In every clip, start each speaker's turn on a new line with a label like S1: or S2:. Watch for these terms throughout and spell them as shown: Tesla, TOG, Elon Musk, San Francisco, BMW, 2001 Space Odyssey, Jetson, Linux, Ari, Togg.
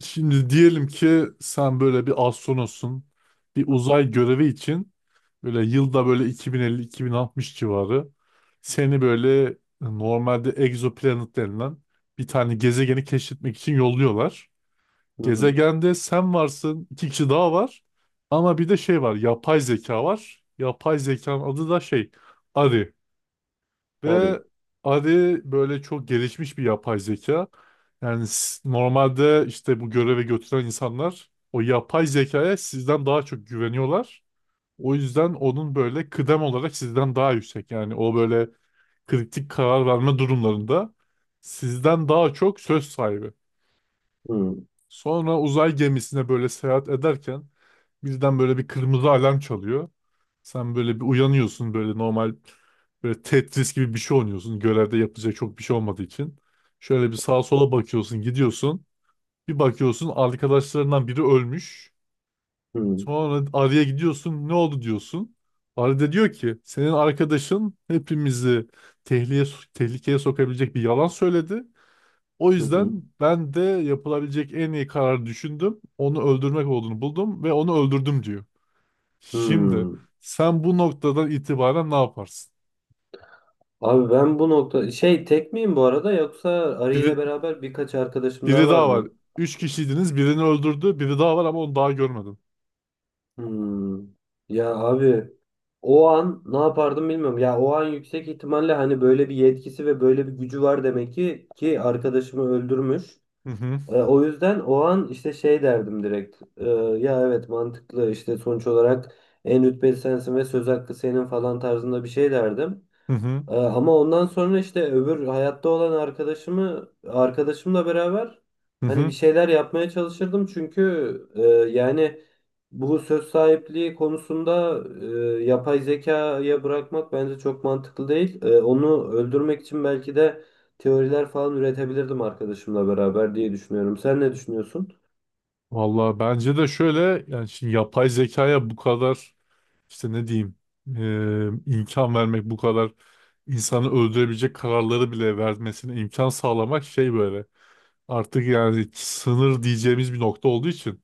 S1: Şimdi diyelim ki sen böyle bir astronotsun. Bir uzay görevi için böyle yılda böyle 2050-2060 civarı seni böyle normalde egzoplanet denilen bir tane gezegeni keşfetmek için yolluyorlar.
S2: Hı hı.
S1: Gezegende sen varsın, iki kişi daha var. Ama bir de şey var, yapay zeka var. Yapay zekanın adı da şey, Ari.
S2: Harry.
S1: Ve Ari böyle çok gelişmiş bir yapay zeka. Yani normalde işte bu göreve götüren insanlar o yapay zekaya sizden daha çok güveniyorlar. O yüzden onun böyle kıdem olarak sizden daha yüksek. Yani o böyle kritik karar verme durumlarında sizden daha çok söz sahibi.
S2: Hı hı.
S1: Sonra uzay gemisine böyle seyahat ederken birden böyle bir kırmızı alarm çalıyor. Sen böyle bir uyanıyorsun böyle normal böyle Tetris gibi bir şey oynuyorsun. Görevde yapacak çok bir şey olmadığı için. Şöyle bir sağa sola bakıyorsun, gidiyorsun. Bir bakıyorsun arkadaşlarından biri ölmüş. Sonra Arya gidiyorsun, ne oldu diyorsun. Arya da diyor ki senin arkadaşın hepimizi tehlikeye, tehlikeye sokabilecek bir yalan söyledi. O
S2: Hı hı.
S1: yüzden ben de yapılabilecek en iyi kararı düşündüm. Onu öldürmek olduğunu buldum ve onu öldürdüm diyor. Şimdi
S2: Hı.
S1: sen bu noktadan itibaren ne yaparsın?
S2: Abi ben bu nokta şey tek miyim bu arada yoksa Ari
S1: Biri,
S2: ile beraber birkaç arkadaşım daha
S1: biri
S2: var
S1: daha var.
S2: mı?
S1: Üç kişiydiniz. Birini öldürdü. Biri daha var ama onu daha görmedin.
S2: Hmm. Ya abi o an ne yapardım bilmiyorum. Ya o an yüksek ihtimalle hani böyle bir yetkisi ve böyle bir gücü var demek ki arkadaşımı öldürmüş.
S1: Hı hı.
S2: O yüzden o an işte şey derdim direkt. Ya evet mantıklı işte sonuç olarak en rütbeli sensin ve söz hakkı senin falan tarzında bir şey derdim.
S1: Hı hı.
S2: Ama ondan sonra işte öbür hayatta olan arkadaşımı arkadaşımla beraber
S1: Hı
S2: hani
S1: hı.
S2: bir şeyler yapmaya çalışırdım çünkü e, yani bu söz sahipliği konusunda yapay zekaya bırakmak bence çok mantıklı değil. Onu öldürmek için belki de teoriler falan üretebilirdim arkadaşımla beraber diye düşünüyorum. Sen ne düşünüyorsun?
S1: Vallahi bence de şöyle yani şimdi yapay zekaya bu kadar işte ne diyeyim imkan vermek, bu kadar insanı öldürebilecek kararları bile vermesine imkan sağlamak şey böyle. Artık yani sınır diyeceğimiz bir nokta olduğu için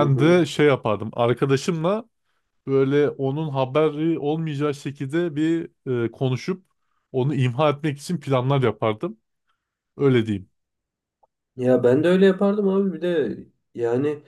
S2: Hı hı.
S1: de şey yapardım. Arkadaşımla böyle onun haberi olmayacağı şekilde bir konuşup onu imha etmek için planlar yapardım. Öyle diyeyim.
S2: Ya ben de öyle yapardım abi bir de yani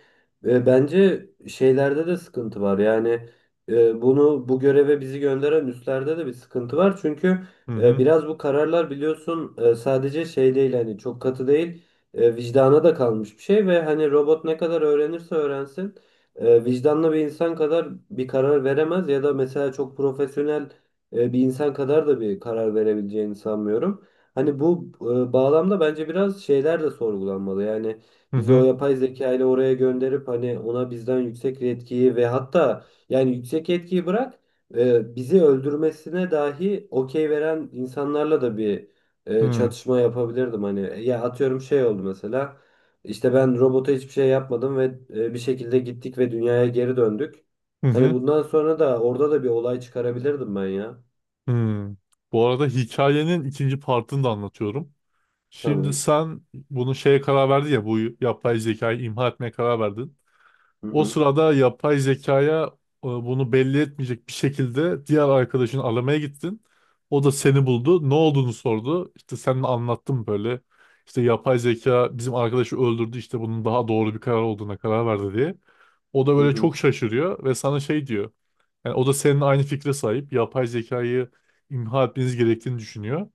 S2: bence şeylerde de sıkıntı var. Yani bunu bu göreve bizi gönderen üstlerde de bir sıkıntı var. Çünkü
S1: Hı hı.
S2: biraz bu kararlar biliyorsun, sadece şey değil, hani çok katı değil, vicdana da kalmış bir şey ve hani robot ne kadar öğrenirse öğrensin vicdanlı bir insan kadar bir karar veremez ya da mesela çok profesyonel bir insan kadar da bir karar verebileceğini sanmıyorum. Hani bu bağlamda bence biraz şeyler de sorgulanmalı. Yani
S1: Hı
S2: bizi o
S1: hı.
S2: yapay zeka ile oraya gönderip hani ona bizden yüksek etkiyi ve hatta yani yüksek etkiyi bırak, bizi öldürmesine dahi okey veren insanlarla da bir
S1: Hı
S2: çatışma yapabilirdim. Hani ya, atıyorum şey oldu mesela, işte ben robota hiçbir şey yapmadım ve bir şekilde gittik ve dünyaya geri döndük.
S1: hı.
S2: Hani
S1: Hı.
S2: bundan sonra da orada da bir olay çıkarabilirdim ben ya.
S1: Hı. Bu arada hikayenin ikinci partını da anlatıyorum. Şimdi
S2: Tamam.
S1: sen bunu şeye karar verdin ya, bu yapay zekayı imha etmeye karar verdin.
S2: Hı
S1: O
S2: hı.
S1: sırada yapay zekaya bunu belli etmeyecek bir şekilde diğer arkadaşını aramaya gittin. O da seni buldu. Ne olduğunu sordu. İşte sen de anlattın böyle. İşte yapay zeka bizim arkadaşı öldürdü. İşte bunun daha doğru bir karar olduğuna karar verdi diye. O da
S2: Hı
S1: böyle
S2: hı.
S1: çok şaşırıyor ve sana şey diyor. Yani o da senin aynı fikre sahip. Yapay zekayı imha etmeniz gerektiğini düşünüyor.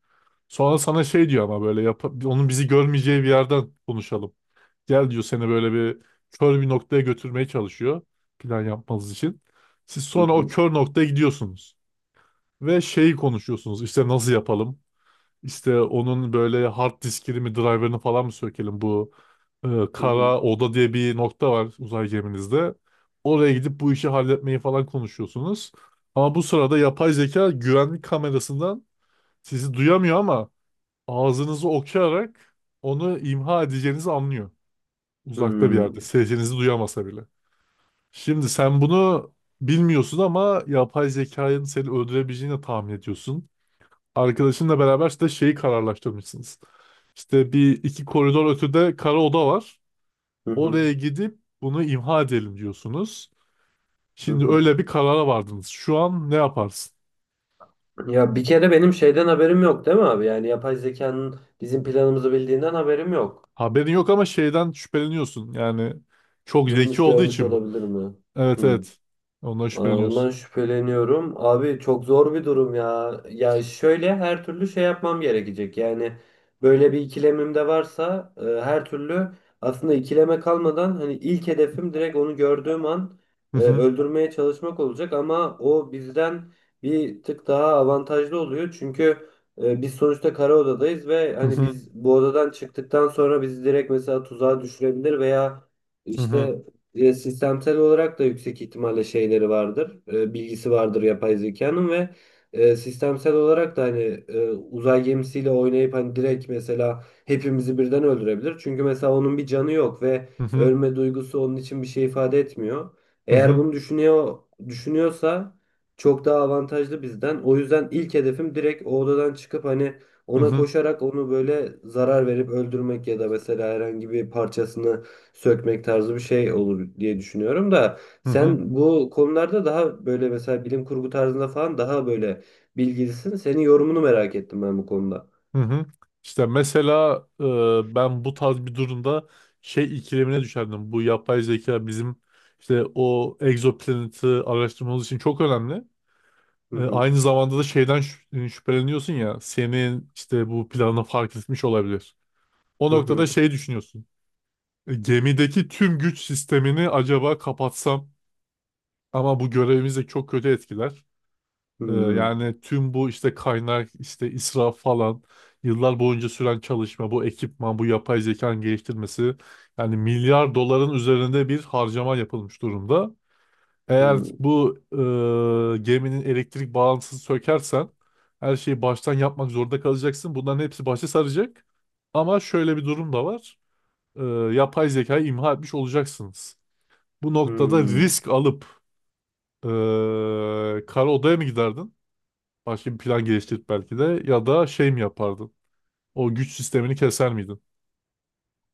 S1: Sonra sana şey diyor, ama böyle yap, onun bizi görmeyeceği bir yerden konuşalım. Gel diyor, seni böyle bir kör bir noktaya götürmeye çalışıyor. Plan yapmanız için. Siz
S2: Hı
S1: sonra o
S2: hı.
S1: kör noktaya gidiyorsunuz. Ve şeyi konuşuyorsunuz. İşte nasıl yapalım? İşte onun böyle hard diskini mi, driver'ını falan mı sökelim? Bu e,
S2: Hı hı.
S1: kara oda diye bir nokta var uzay geminizde. Oraya gidip bu işi halletmeyi falan konuşuyorsunuz. Ama bu sırada yapay zeka güvenlik kamerasından sizi duyamıyor ama ağzınızı okuyarak onu imha edeceğinizi anlıyor. Uzakta bir yerde.
S2: Hmm.
S1: Sesinizi duyamasa bile. Şimdi sen bunu bilmiyorsun ama yapay zekanın seni öldürebileceğini tahmin ediyorsun. Arkadaşınla beraber işte şeyi kararlaştırmışsınız. İşte bir iki koridor ötede kara oda var.
S2: Hı hı.
S1: Oraya gidip bunu imha edelim diyorsunuz.
S2: Hı
S1: Şimdi
S2: hı.
S1: öyle bir karara vardınız. Şu an ne yaparsın?
S2: Ya bir kere benim şeyden haberim yok değil mi abi? Yani yapay zekanın bizim planımızı bildiğinden haberim yok.
S1: Haberin yok ama şeyden şüpheleniyorsun. Yani çok zeki
S2: Duymuş
S1: olduğu
S2: görmüş
S1: için bu.
S2: olabilir mi?
S1: Evet,
S2: Hı.
S1: evet. Ondan
S2: Aa, ondan
S1: şüpheleniyorsun.
S2: şüpheleniyorum. Abi çok zor bir durum ya. Ya şöyle, her türlü şey yapmam gerekecek. Yani böyle bir ikilemim de varsa, her türlü, aslında ikileme kalmadan, hani ilk hedefim direkt onu gördüğüm an
S1: Hı hı.
S2: öldürmeye çalışmak olacak ama o bizden bir tık daha avantajlı oluyor. Çünkü biz sonuçta kara odadayız ve
S1: Hı
S2: hani
S1: hı.
S2: biz bu odadan çıktıktan sonra bizi direkt mesela tuzağa düşürebilir veya
S1: Hı hı.
S2: işte sistemsel olarak da yüksek ihtimalle şeyleri vardır, bilgisi vardır yapay zekanın, ve sistemsel olarak da hani uzay gemisiyle oynayıp hani direkt mesela hepimizi birden öldürebilir. Çünkü mesela onun bir canı yok ve
S1: Hı hı.
S2: ölme duygusu onun için bir şey ifade etmiyor.
S1: Hı
S2: Eğer
S1: hı.
S2: bunu düşünüyorsa çok daha avantajlı bizden. O yüzden ilk hedefim direkt o odadan çıkıp hani
S1: Hı
S2: ona
S1: hı.
S2: koşarak onu böyle zarar verip öldürmek ya da mesela herhangi bir parçasını sökmek tarzı bir şey olur diye düşünüyorum da
S1: Hı hı.
S2: sen bu konularda daha böyle, mesela bilim kurgu tarzında falan, daha böyle bilgilisin. Senin yorumunu merak ettim ben bu konuda.
S1: Hı hı. İşte mesela ben bu tarz bir durumda şey ikilemine düşerdim. Bu yapay zeka bizim işte o egzoplaneti araştırmamız için çok önemli.
S2: Hı hı.
S1: Aynı zamanda da şeyden şüpheleniyorsun ya, senin işte bu planı fark etmiş olabilir. O
S2: Hı
S1: noktada
S2: hı.
S1: şey düşünüyorsun. Gemideki tüm güç sistemini acaba kapatsam, ama bu görevimizi çok kötü etkiler.
S2: Hı hı.
S1: Yani tüm bu işte kaynak, işte israf falan, yıllar boyunca süren çalışma, bu ekipman, bu yapay zekanın geliştirmesi, yani milyar doların üzerinde bir harcama yapılmış durumda.
S2: Hı
S1: Eğer
S2: hı.
S1: bu geminin elektrik bağlantısını sökersen, her şeyi baştan yapmak zorunda kalacaksın. Bunların hepsi başa saracak. Ama şöyle bir durum da var. Ee, Yapay zekayı imha etmiş olacaksınız. Bu noktada
S2: Hı.
S1: risk alıp kara odaya mı giderdin? Başka bir plan geliştirip belki de, ya da şey mi yapardın? O güç sistemini keser miydin?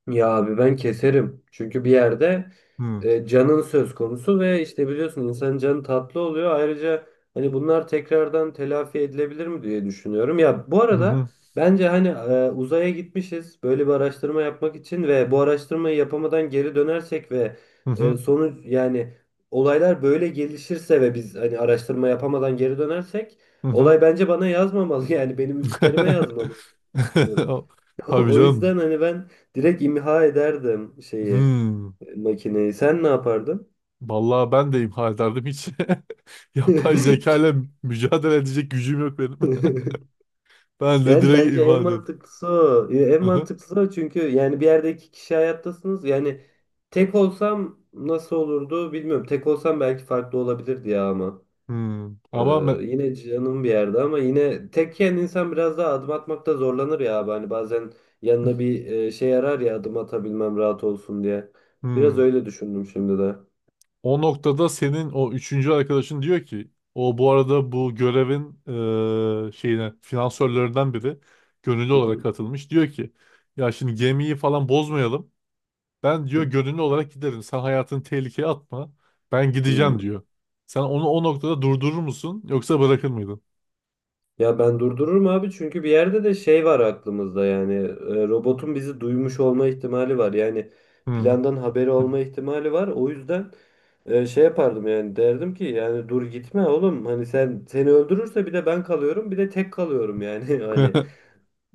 S2: Ya abi ben keserim. Çünkü bir yerde
S1: Hmm.
S2: canın söz konusu ve işte biliyorsun, insanın canı tatlı oluyor. Ayrıca hani bunlar tekrardan telafi edilebilir mi diye düşünüyorum. Ya bu
S1: Hı
S2: arada
S1: hı.
S2: bence hani uzaya gitmişiz böyle bir araştırma yapmak için ve bu araştırmayı yapamadan geri dönersek ve
S1: Hı hı.
S2: sonuç, yani olaylar böyle gelişirse ve biz hani araştırma yapamadan geri dönersek,
S1: Hı hı.
S2: olay bence bana yazmamalı yani benim üstlerime yazmalı diyorum.
S1: Tabii
S2: O
S1: canım.
S2: yüzden hani ben direkt imha ederdim şeyi,
S1: Hmm.
S2: makineyi. Sen ne yapardın?
S1: Vallahi ben de imha ederdim hiç. Yapay zeka ile mücadele edecek gücüm yok benim. Ben de
S2: Yani
S1: direkt
S2: bence
S1: imha
S2: en
S1: ederim.
S2: mantıklısı o. Ya en
S1: Hı hı.
S2: mantıklısı o, çünkü yani bir yerde iki kişi hayattasınız. Yani tek olsam nasıl olurdu bilmiyorum. Tek olsam belki farklı olabilirdi ya ama.
S1: Hmm.
S2: Ee,
S1: Ama me-
S2: Yine canım bir yerde, ama yine tekken insan biraz daha adım atmakta zorlanır ya abi. Hani bazen yanına bir şey arar ya, adım atabilmem rahat olsun diye. Biraz
S1: hmm.
S2: öyle düşündüm şimdi de.
S1: O noktada senin o üçüncü arkadaşın diyor ki o, bu arada bu görevin şeyine, finansörlerinden biri gönüllü olarak katılmış. Diyor ki ya şimdi gemiyi falan bozmayalım. Ben diyor
S2: Hı
S1: gönüllü olarak giderim. Sen hayatını tehlikeye atma. Ben
S2: hı.
S1: gideceğim diyor. Sen onu o noktada durdurur musun yoksa bırakır mıydın?
S2: Ya ben durdururum abi, çünkü bir yerde de şey var aklımızda, yani robotun bizi duymuş olma ihtimali var, yani
S1: Hmm.
S2: plandan haberi olma ihtimali var. O yüzden şey yapardım, yani derdim ki, yani dur gitme oğlum, hani sen, seni öldürürse bir de ben kalıyorum, bir de tek kalıyorum yani hani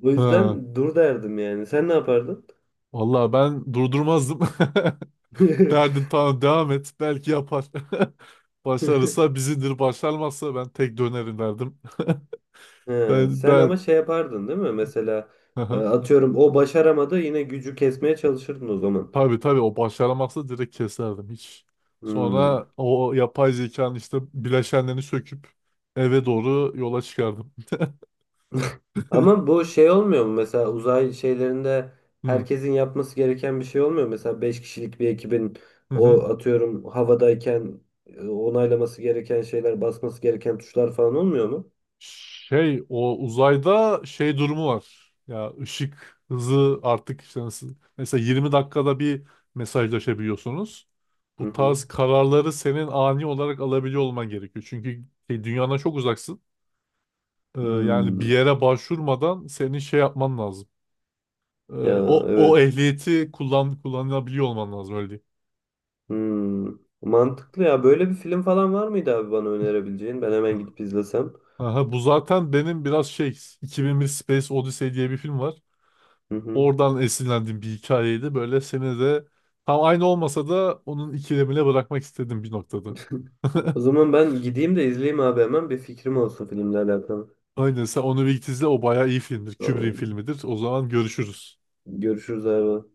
S2: o
S1: Ha.
S2: yüzden dur derdim. Yani sen ne yapardın?
S1: Vallahi ben durdurmazdım. Derdin tamam, devam et. Belki yapar. Başarırsa bizindir. Başarmazsa ben tek dönerim derdim.
S2: He,
S1: Ben
S2: sen ama
S1: ben
S2: şey yapardın değil mi mesela,
S1: Aha.
S2: atıyorum o başaramadı, yine gücü kesmeye çalışırdın o zaman.
S1: Tabii, tabii, o başaramazsa direkt keserdim hiç.
S2: Hmm.
S1: Sonra o yapay zekanın işte bileşenlerini söküp eve doğru yola çıkardım.
S2: Ama bu şey olmuyor mu? Mesela uzay şeylerinde
S1: Hı.
S2: herkesin yapması gereken bir şey olmuyor mu? Mesela 5 kişilik bir ekibin,
S1: Hı
S2: o
S1: hı.
S2: atıyorum havadayken onaylaması gereken şeyler, basması gereken tuşlar falan olmuyor mu?
S1: Şey, o uzayda şey durumu var. Ya ışık hızı artık işte nasıl, mesela 20 dakikada bir mesajlaşabiliyorsunuz.
S2: Hı
S1: Bu
S2: hı.
S1: tarz kararları senin ani olarak alabiliyor olman gerekiyor. Çünkü şey, dünyadan çok uzaksın. Yani bir
S2: Hmm.
S1: yere başvurmadan senin şey yapman lazım. Ee,
S2: Ya
S1: o
S2: evet.
S1: ehliyeti kullanabiliyor olman lazım, öyle diyeyim.
S2: Hmm. Mantıklı ya. Böyle bir film falan var mıydı abi bana önerebileceğin? Ben hemen gidip izlesem.
S1: Aha, bu zaten benim biraz şey, 2001 Space Odyssey diye bir film var.
S2: Hı hı.
S1: Oradan esinlendiğim bir hikayeydi. Böyle seni de tam aynı olmasa da onun ikilemine bırakmak istedim bir noktada.
S2: O zaman ben gideyim de izleyeyim abi, hemen bir fikrim olsun filmle alakalı.
S1: Aynen, sen onu bir git izle, o bayağı iyi filmdir. Kubrick'in
S2: Tamam.
S1: filmidir. O zaman görüşürüz.
S2: Görüşürüz abi.